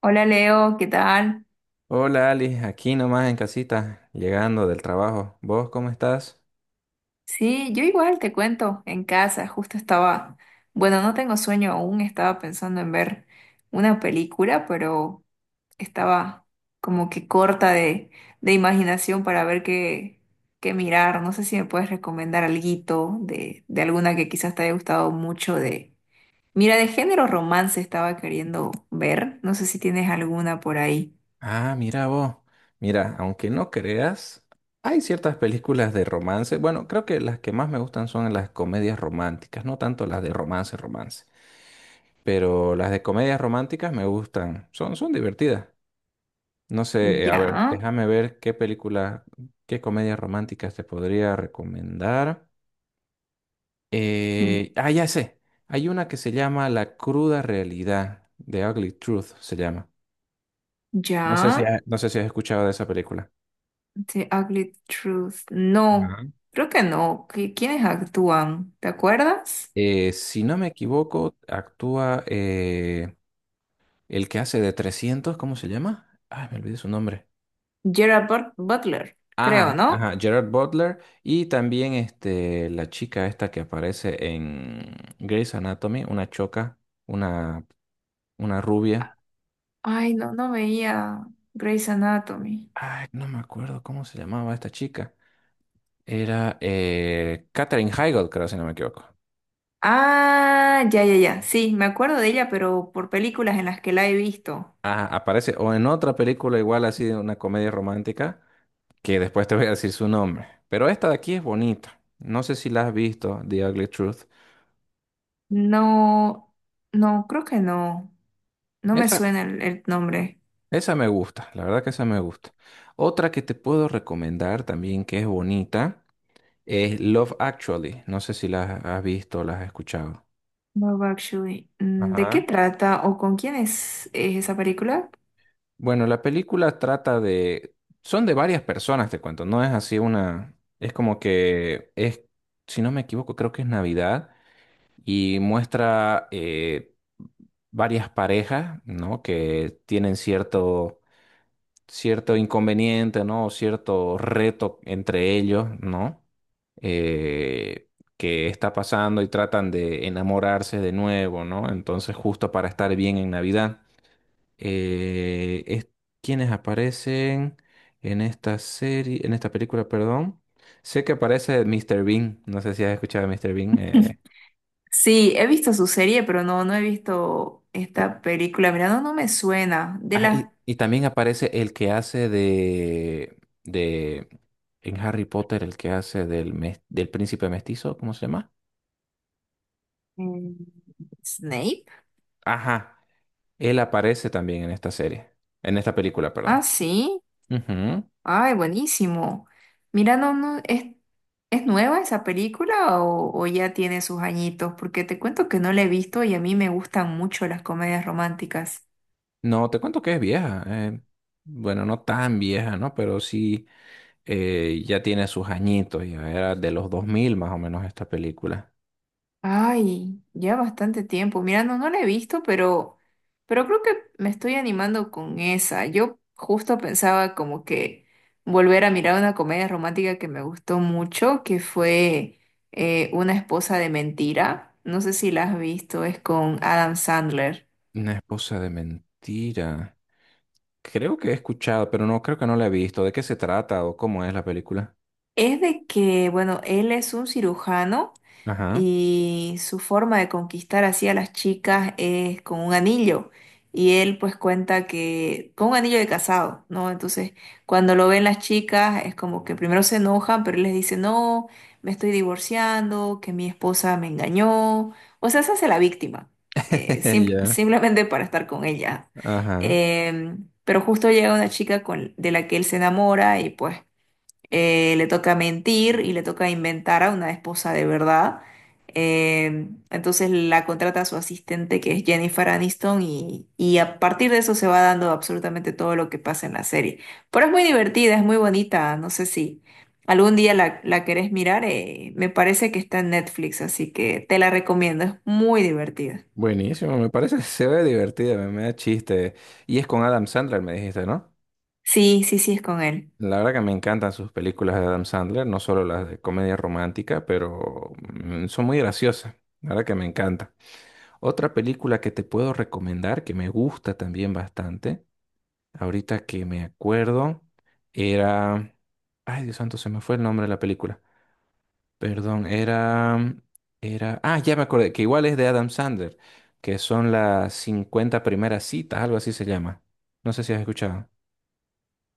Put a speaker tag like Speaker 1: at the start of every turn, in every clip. Speaker 1: Hola Leo, ¿qué tal?
Speaker 2: Hola Ali, aquí nomás en casita, llegando del trabajo. ¿Vos cómo estás?
Speaker 1: Sí, yo igual te cuento, en casa, justo estaba, bueno, no tengo sueño aún, estaba pensando en ver una película, pero estaba como que corta de imaginación para ver qué mirar. No sé si me puedes recomendar alguito de alguna que quizás te haya gustado mucho de. Mira, de género romance estaba queriendo ver, no sé si tienes alguna por ahí.
Speaker 2: Ah, mira vos. Mira, aunque no creas, hay ciertas películas de romance. Bueno, creo que las que más me gustan son las comedias románticas, no tanto las de romance, romance. Pero las de comedias románticas me gustan, son divertidas. No sé, a ver,
Speaker 1: Ya,
Speaker 2: déjame ver qué comedias románticas te podría recomendar.
Speaker 1: mm,
Speaker 2: Ya sé. Hay una que se llama La cruda realidad, The Ugly Truth se llama. No sé si
Speaker 1: ya.
Speaker 2: ha- no sé si has escuchado de esa película.
Speaker 1: The Ugly Truth. No,
Speaker 2: Ajá.
Speaker 1: creo que no. ¿Quiénes actúan? ¿Te acuerdas?
Speaker 2: Si no me equivoco, actúa el que hace de 300, ¿cómo se llama? Ay, me olvidé su nombre.
Speaker 1: Gerard Butler, creo,
Speaker 2: Ajá,
Speaker 1: ¿no?
Speaker 2: ajá, Gerard Butler y también este, la chica esta que aparece en Grey's Anatomy, una, una rubia.
Speaker 1: Ay, no, no veía Grey's Anatomy.
Speaker 2: Ay, no me acuerdo cómo se llamaba esta chica. Era Katherine Heigl, creo, si no me equivoco.
Speaker 1: Ah, ya, ya, ya. Sí, me acuerdo de ella, pero por películas en las que la he visto.
Speaker 2: Ah, aparece o en otra película igual así de una comedia romántica, que después te voy a decir su nombre. Pero esta de aquí es bonita. No sé si la has visto, The Ugly Truth.
Speaker 1: No, no, creo que no. No me
Speaker 2: Esa,
Speaker 1: suena el nombre.
Speaker 2: esa me gusta, la verdad que esa me gusta. Otra que te puedo recomendar también que es bonita es Love Actually. No sé si la has visto o la has escuchado.
Speaker 1: No, actually. Mm, ¿de
Speaker 2: Ajá.
Speaker 1: qué trata o con quién es esa película?
Speaker 2: Bueno, la película trata de. Son de varias personas, te cuento, no es así una. Es como que es, si no me equivoco, creo que es Navidad y muestra varias parejas, ¿no? Que tienen cierto inconveniente, ¿no? O cierto reto entre ellos, ¿no? Eh, que está pasando y tratan de enamorarse de nuevo, ¿no? Entonces, justo para estar bien en Navidad es quienes aparecen en esta serie, en esta película, perdón. Sé que aparece Mr. Bean, no sé si has escuchado a Mr. Bean.
Speaker 1: Sí, he visto su serie, pero no, no he visto esta película. Mira, no, no me suena. De
Speaker 2: Ah, y,
Speaker 1: las
Speaker 2: y también aparece el que hace en Harry Potter, el que hace del príncipe mestizo, ¿cómo se llama?
Speaker 1: mm, Snape.
Speaker 2: Ajá, él aparece también en esta serie, en esta película,
Speaker 1: Ah,
Speaker 2: perdón.
Speaker 1: sí.
Speaker 2: Ujú.
Speaker 1: Ay, buenísimo. Mira, no, no, ¿es nueva esa película o ya tiene sus añitos? Porque te cuento que no la he visto y a mí me gustan mucho las comedias románticas.
Speaker 2: No, te cuento que es vieja. Bueno, no tan vieja, ¿no? Pero sí. Ya tiene sus añitos, ya era de los 2000 más o menos esta película.
Speaker 1: Ay, ya bastante tiempo. Mira, no, no la he visto, pero creo que me estoy animando con esa. Yo justo pensaba como que volver a mirar una comedia romántica que me gustó mucho, que fue Una esposa de mentira. No sé si la has visto, es con Adam Sandler.
Speaker 2: Una esposa de mentira. Creo que he escuchado, pero no creo que no la he visto. ¿De qué se trata o cómo es la película?
Speaker 1: Es de que, bueno, él es un cirujano
Speaker 2: Ajá.
Speaker 1: y su forma de conquistar así a las chicas es con un anillo. Y él pues cuenta que con un anillo de casado, ¿no? Entonces, cuando lo ven las chicas, es como que primero se enojan, pero él les dice, no, me estoy divorciando, que mi esposa me engañó. O sea, se hace la víctima,
Speaker 2: Ya.
Speaker 1: simplemente para estar con ella.
Speaker 2: Ajá.
Speaker 1: Pero justo llega una chica con, de la que él se enamora y pues le toca mentir y le toca inventar a una esposa de verdad. Entonces la contrata a su asistente que es Jennifer Aniston y a partir de eso se va dando absolutamente todo lo que pasa en la serie. Pero es muy divertida, es muy bonita, no sé si algún día la querés mirar, me parece que está en Netflix, así que te la recomiendo, es muy divertida.
Speaker 2: Buenísimo, me parece, se ve divertida, me da chiste. Y es con Adam Sandler, me dijiste, ¿no?
Speaker 1: Sí, sí, sí, es con él.
Speaker 2: La verdad que me encantan sus películas de Adam Sandler, no solo las de comedia romántica, pero son muy graciosas. La verdad que me encanta. Otra película que te puedo recomendar, que me gusta también bastante, ahorita que me acuerdo, era. Ay, Dios santo, se me fue el nombre de la película. Perdón, era. Era. Ah, ya me acordé, que igual es de Adam Sandler, que son las 50 primeras citas, algo así se llama. No sé si has escuchado.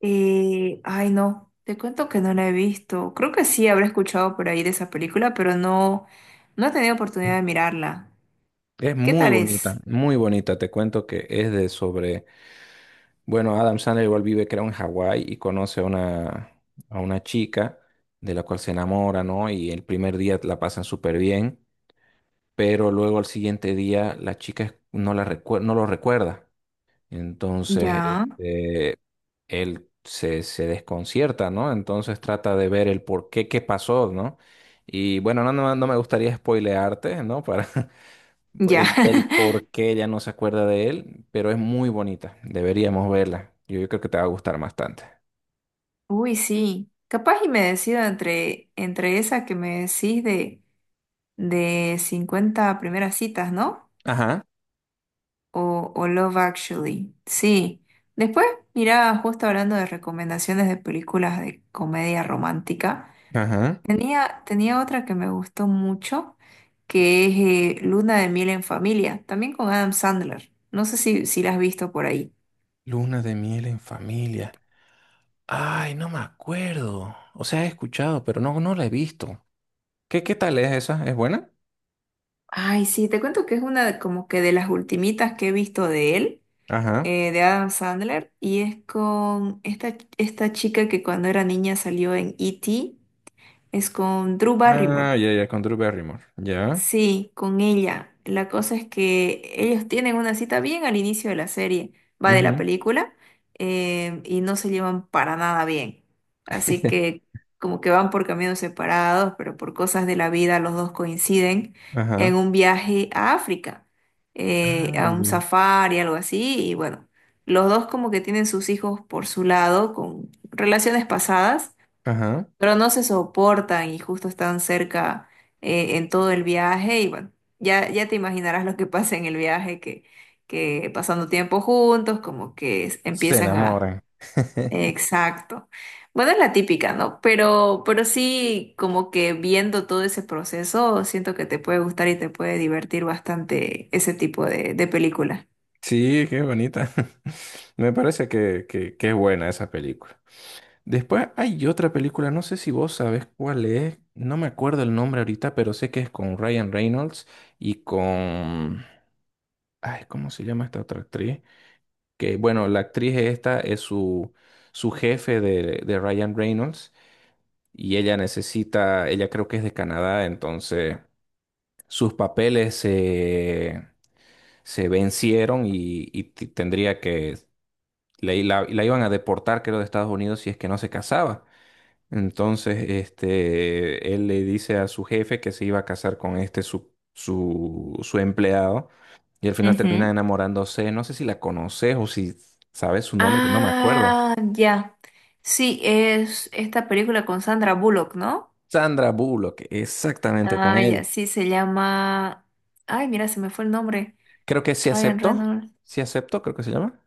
Speaker 1: Ay, no, te cuento que no la he visto. Creo que sí habré escuchado por ahí de esa película, pero no, no he tenido oportunidad de mirarla.
Speaker 2: Es
Speaker 1: ¿Qué
Speaker 2: muy
Speaker 1: tal
Speaker 2: bonita,
Speaker 1: es?
Speaker 2: muy bonita. Te cuento que es de sobre. Bueno, Adam Sandler igual vive, creo, en Hawái y conoce a una, chica de la cual se enamora, ¿no? Y el primer día la pasan súper bien, pero luego al siguiente día la chica no, no lo recuerda. Entonces,
Speaker 1: Ya,
Speaker 2: este, él se desconcierta, ¿no? Entonces trata de ver el por qué, qué pasó, ¿no? Y bueno, no me gustaría spoilearte, ¿no? Para,
Speaker 1: ya.
Speaker 2: el por qué ya no se acuerda de él, pero es muy bonita. Deberíamos verla. Yo creo que te va a gustar bastante.
Speaker 1: Uy, sí. Capaz y me decido entre, entre esa que me decís de 50 primeras citas, ¿no?
Speaker 2: Ajá,
Speaker 1: O Love Actually. Sí. Después, mira, justo hablando de recomendaciones de películas de comedia romántica.
Speaker 2: ajá.
Speaker 1: Tenía otra que me gustó mucho, que es Luna de miel en familia, también con Adam Sandler. No sé si la has visto por ahí.
Speaker 2: Luna de miel en familia. Ay, no me acuerdo. O sea, he escuchado, pero no, no la he visto. ¿Qué tal es esa? ¿Es buena?
Speaker 1: Ay, sí, te cuento que es como que de las ultimitas que he visto de él,
Speaker 2: Ajá.
Speaker 1: de Adam Sandler, y es con esta chica que cuando era niña salió en E.T., es con Drew Barrymore.
Speaker 2: Ah, ya, ya, con Drew Barrymore. Ya.
Speaker 1: Sí, con ella. La cosa es que ellos tienen una cita bien al inicio de la serie, va de la
Speaker 2: Ujú.
Speaker 1: película, y no se llevan para nada bien. Así que como que van por caminos separados, pero por cosas de la vida los dos coinciden en
Speaker 2: Ajá.
Speaker 1: un viaje a África, a un
Speaker 2: Ay.
Speaker 1: safari, algo así, y bueno, los dos como que tienen sus hijos por su lado, con relaciones pasadas
Speaker 2: Ajá.
Speaker 1: pero no se soportan y justo están cerca en todo el viaje y bueno, ya, ya te imaginarás lo que pasa en el viaje, que pasando tiempo juntos, como que
Speaker 2: Se
Speaker 1: empiezan a.
Speaker 2: enamoran.
Speaker 1: Exacto. Bueno, es la típica, ¿no? Pero sí, como que viendo todo ese proceso, siento que te puede gustar y te puede divertir bastante ese tipo de película.
Speaker 2: Sí, qué bonita. Me parece que es buena esa película. Después hay otra película, no sé si vos sabés cuál es, no me acuerdo el nombre ahorita, pero sé que es con Ryan Reynolds y con. Ay, ¿cómo se llama esta otra actriz? Que bueno, la actriz esta es su jefe de Ryan Reynolds y ella creo que es de Canadá, entonces sus papeles se vencieron y t- tendría que, la, la la iban a deportar creo de Estados Unidos si es que no se casaba. Entonces, este, él le dice a su jefe que se iba a casar con este su empleado y al final termina enamorándose. No sé si la conoces o si sabes su nombre, que no me acuerdo.
Speaker 1: Ah, ya. Sí, es esta película con Sandra Bullock, ¿no?
Speaker 2: Sandra Bullock, exactamente con
Speaker 1: Ah, ya,
Speaker 2: él.
Speaker 1: sí, se llama. Ay, mira, se me fue el nombre.
Speaker 2: Creo que sí
Speaker 1: Ryan
Speaker 2: aceptó.
Speaker 1: Reynolds.
Speaker 2: Sí aceptó, creo que se llama.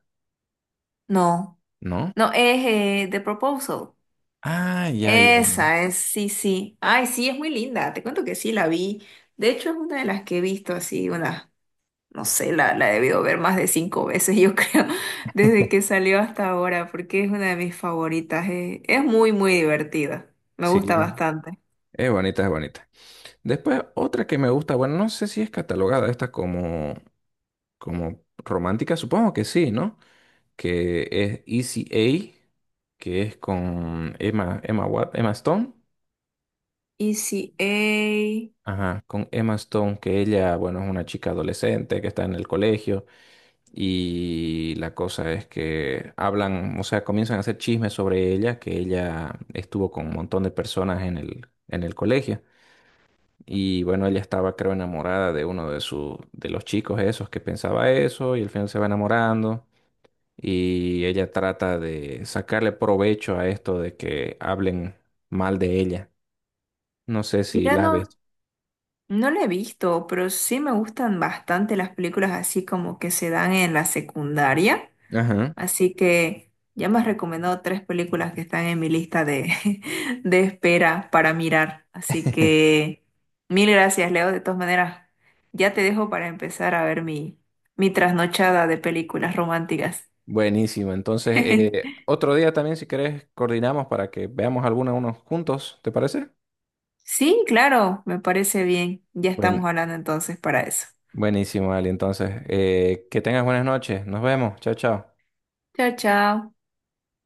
Speaker 1: No,
Speaker 2: ¿No?
Speaker 1: no, es The Proposal.
Speaker 2: Ah, ya, ya, ya.
Speaker 1: Esa es, sí, sí. Ay, sí, es muy linda. Te cuento que sí, la vi. De hecho, es una de las que he visto así, una, no sé, la he debido ver más de cinco veces, yo creo, desde que salió hasta ahora, porque es una de mis favoritas. Es muy, muy divertida. Me
Speaker 2: Sí,
Speaker 1: gusta bastante.
Speaker 2: es bonita, es bonita. Después, otra que me gusta, bueno, no sé si es catalogada esta como, romántica, supongo que sí, ¿no? Que es Easy A, que es con Emma Stone.
Speaker 1: Easy A.
Speaker 2: Ajá, con Emma Stone, que ella, bueno, es una chica adolescente que está en el colegio y la cosa es que hablan, o sea, comienzan a hacer chismes sobre ella, que ella estuvo con un montón de personas en el, colegio y bueno, ella estaba, creo, enamorada de uno de los chicos esos que pensaba eso y al final se va enamorando y ella trata de sacarle provecho a esto de que hablen mal de ella. No sé si
Speaker 1: Mira,
Speaker 2: la has
Speaker 1: no,
Speaker 2: visto.
Speaker 1: no la he visto, pero sí me gustan bastante las películas así como que se dan en la secundaria.
Speaker 2: Ajá.
Speaker 1: Así que ya me has recomendado tres películas que están en mi lista de, de espera para mirar. Así que mil gracias, Leo. De todas maneras, ya te dejo para empezar a ver mi trasnochada de películas románticas.
Speaker 2: Buenísimo. Entonces, otro día también, si querés, coordinamos para que veamos alguna unos juntos, ¿te parece?
Speaker 1: Sí, claro, me parece bien. Ya estamos
Speaker 2: Buen-
Speaker 1: hablando entonces para eso.
Speaker 2: Buenísimo, Ali. Entonces, que tengas buenas noches. Nos vemos. Chao, chao.
Speaker 1: Chao, chao.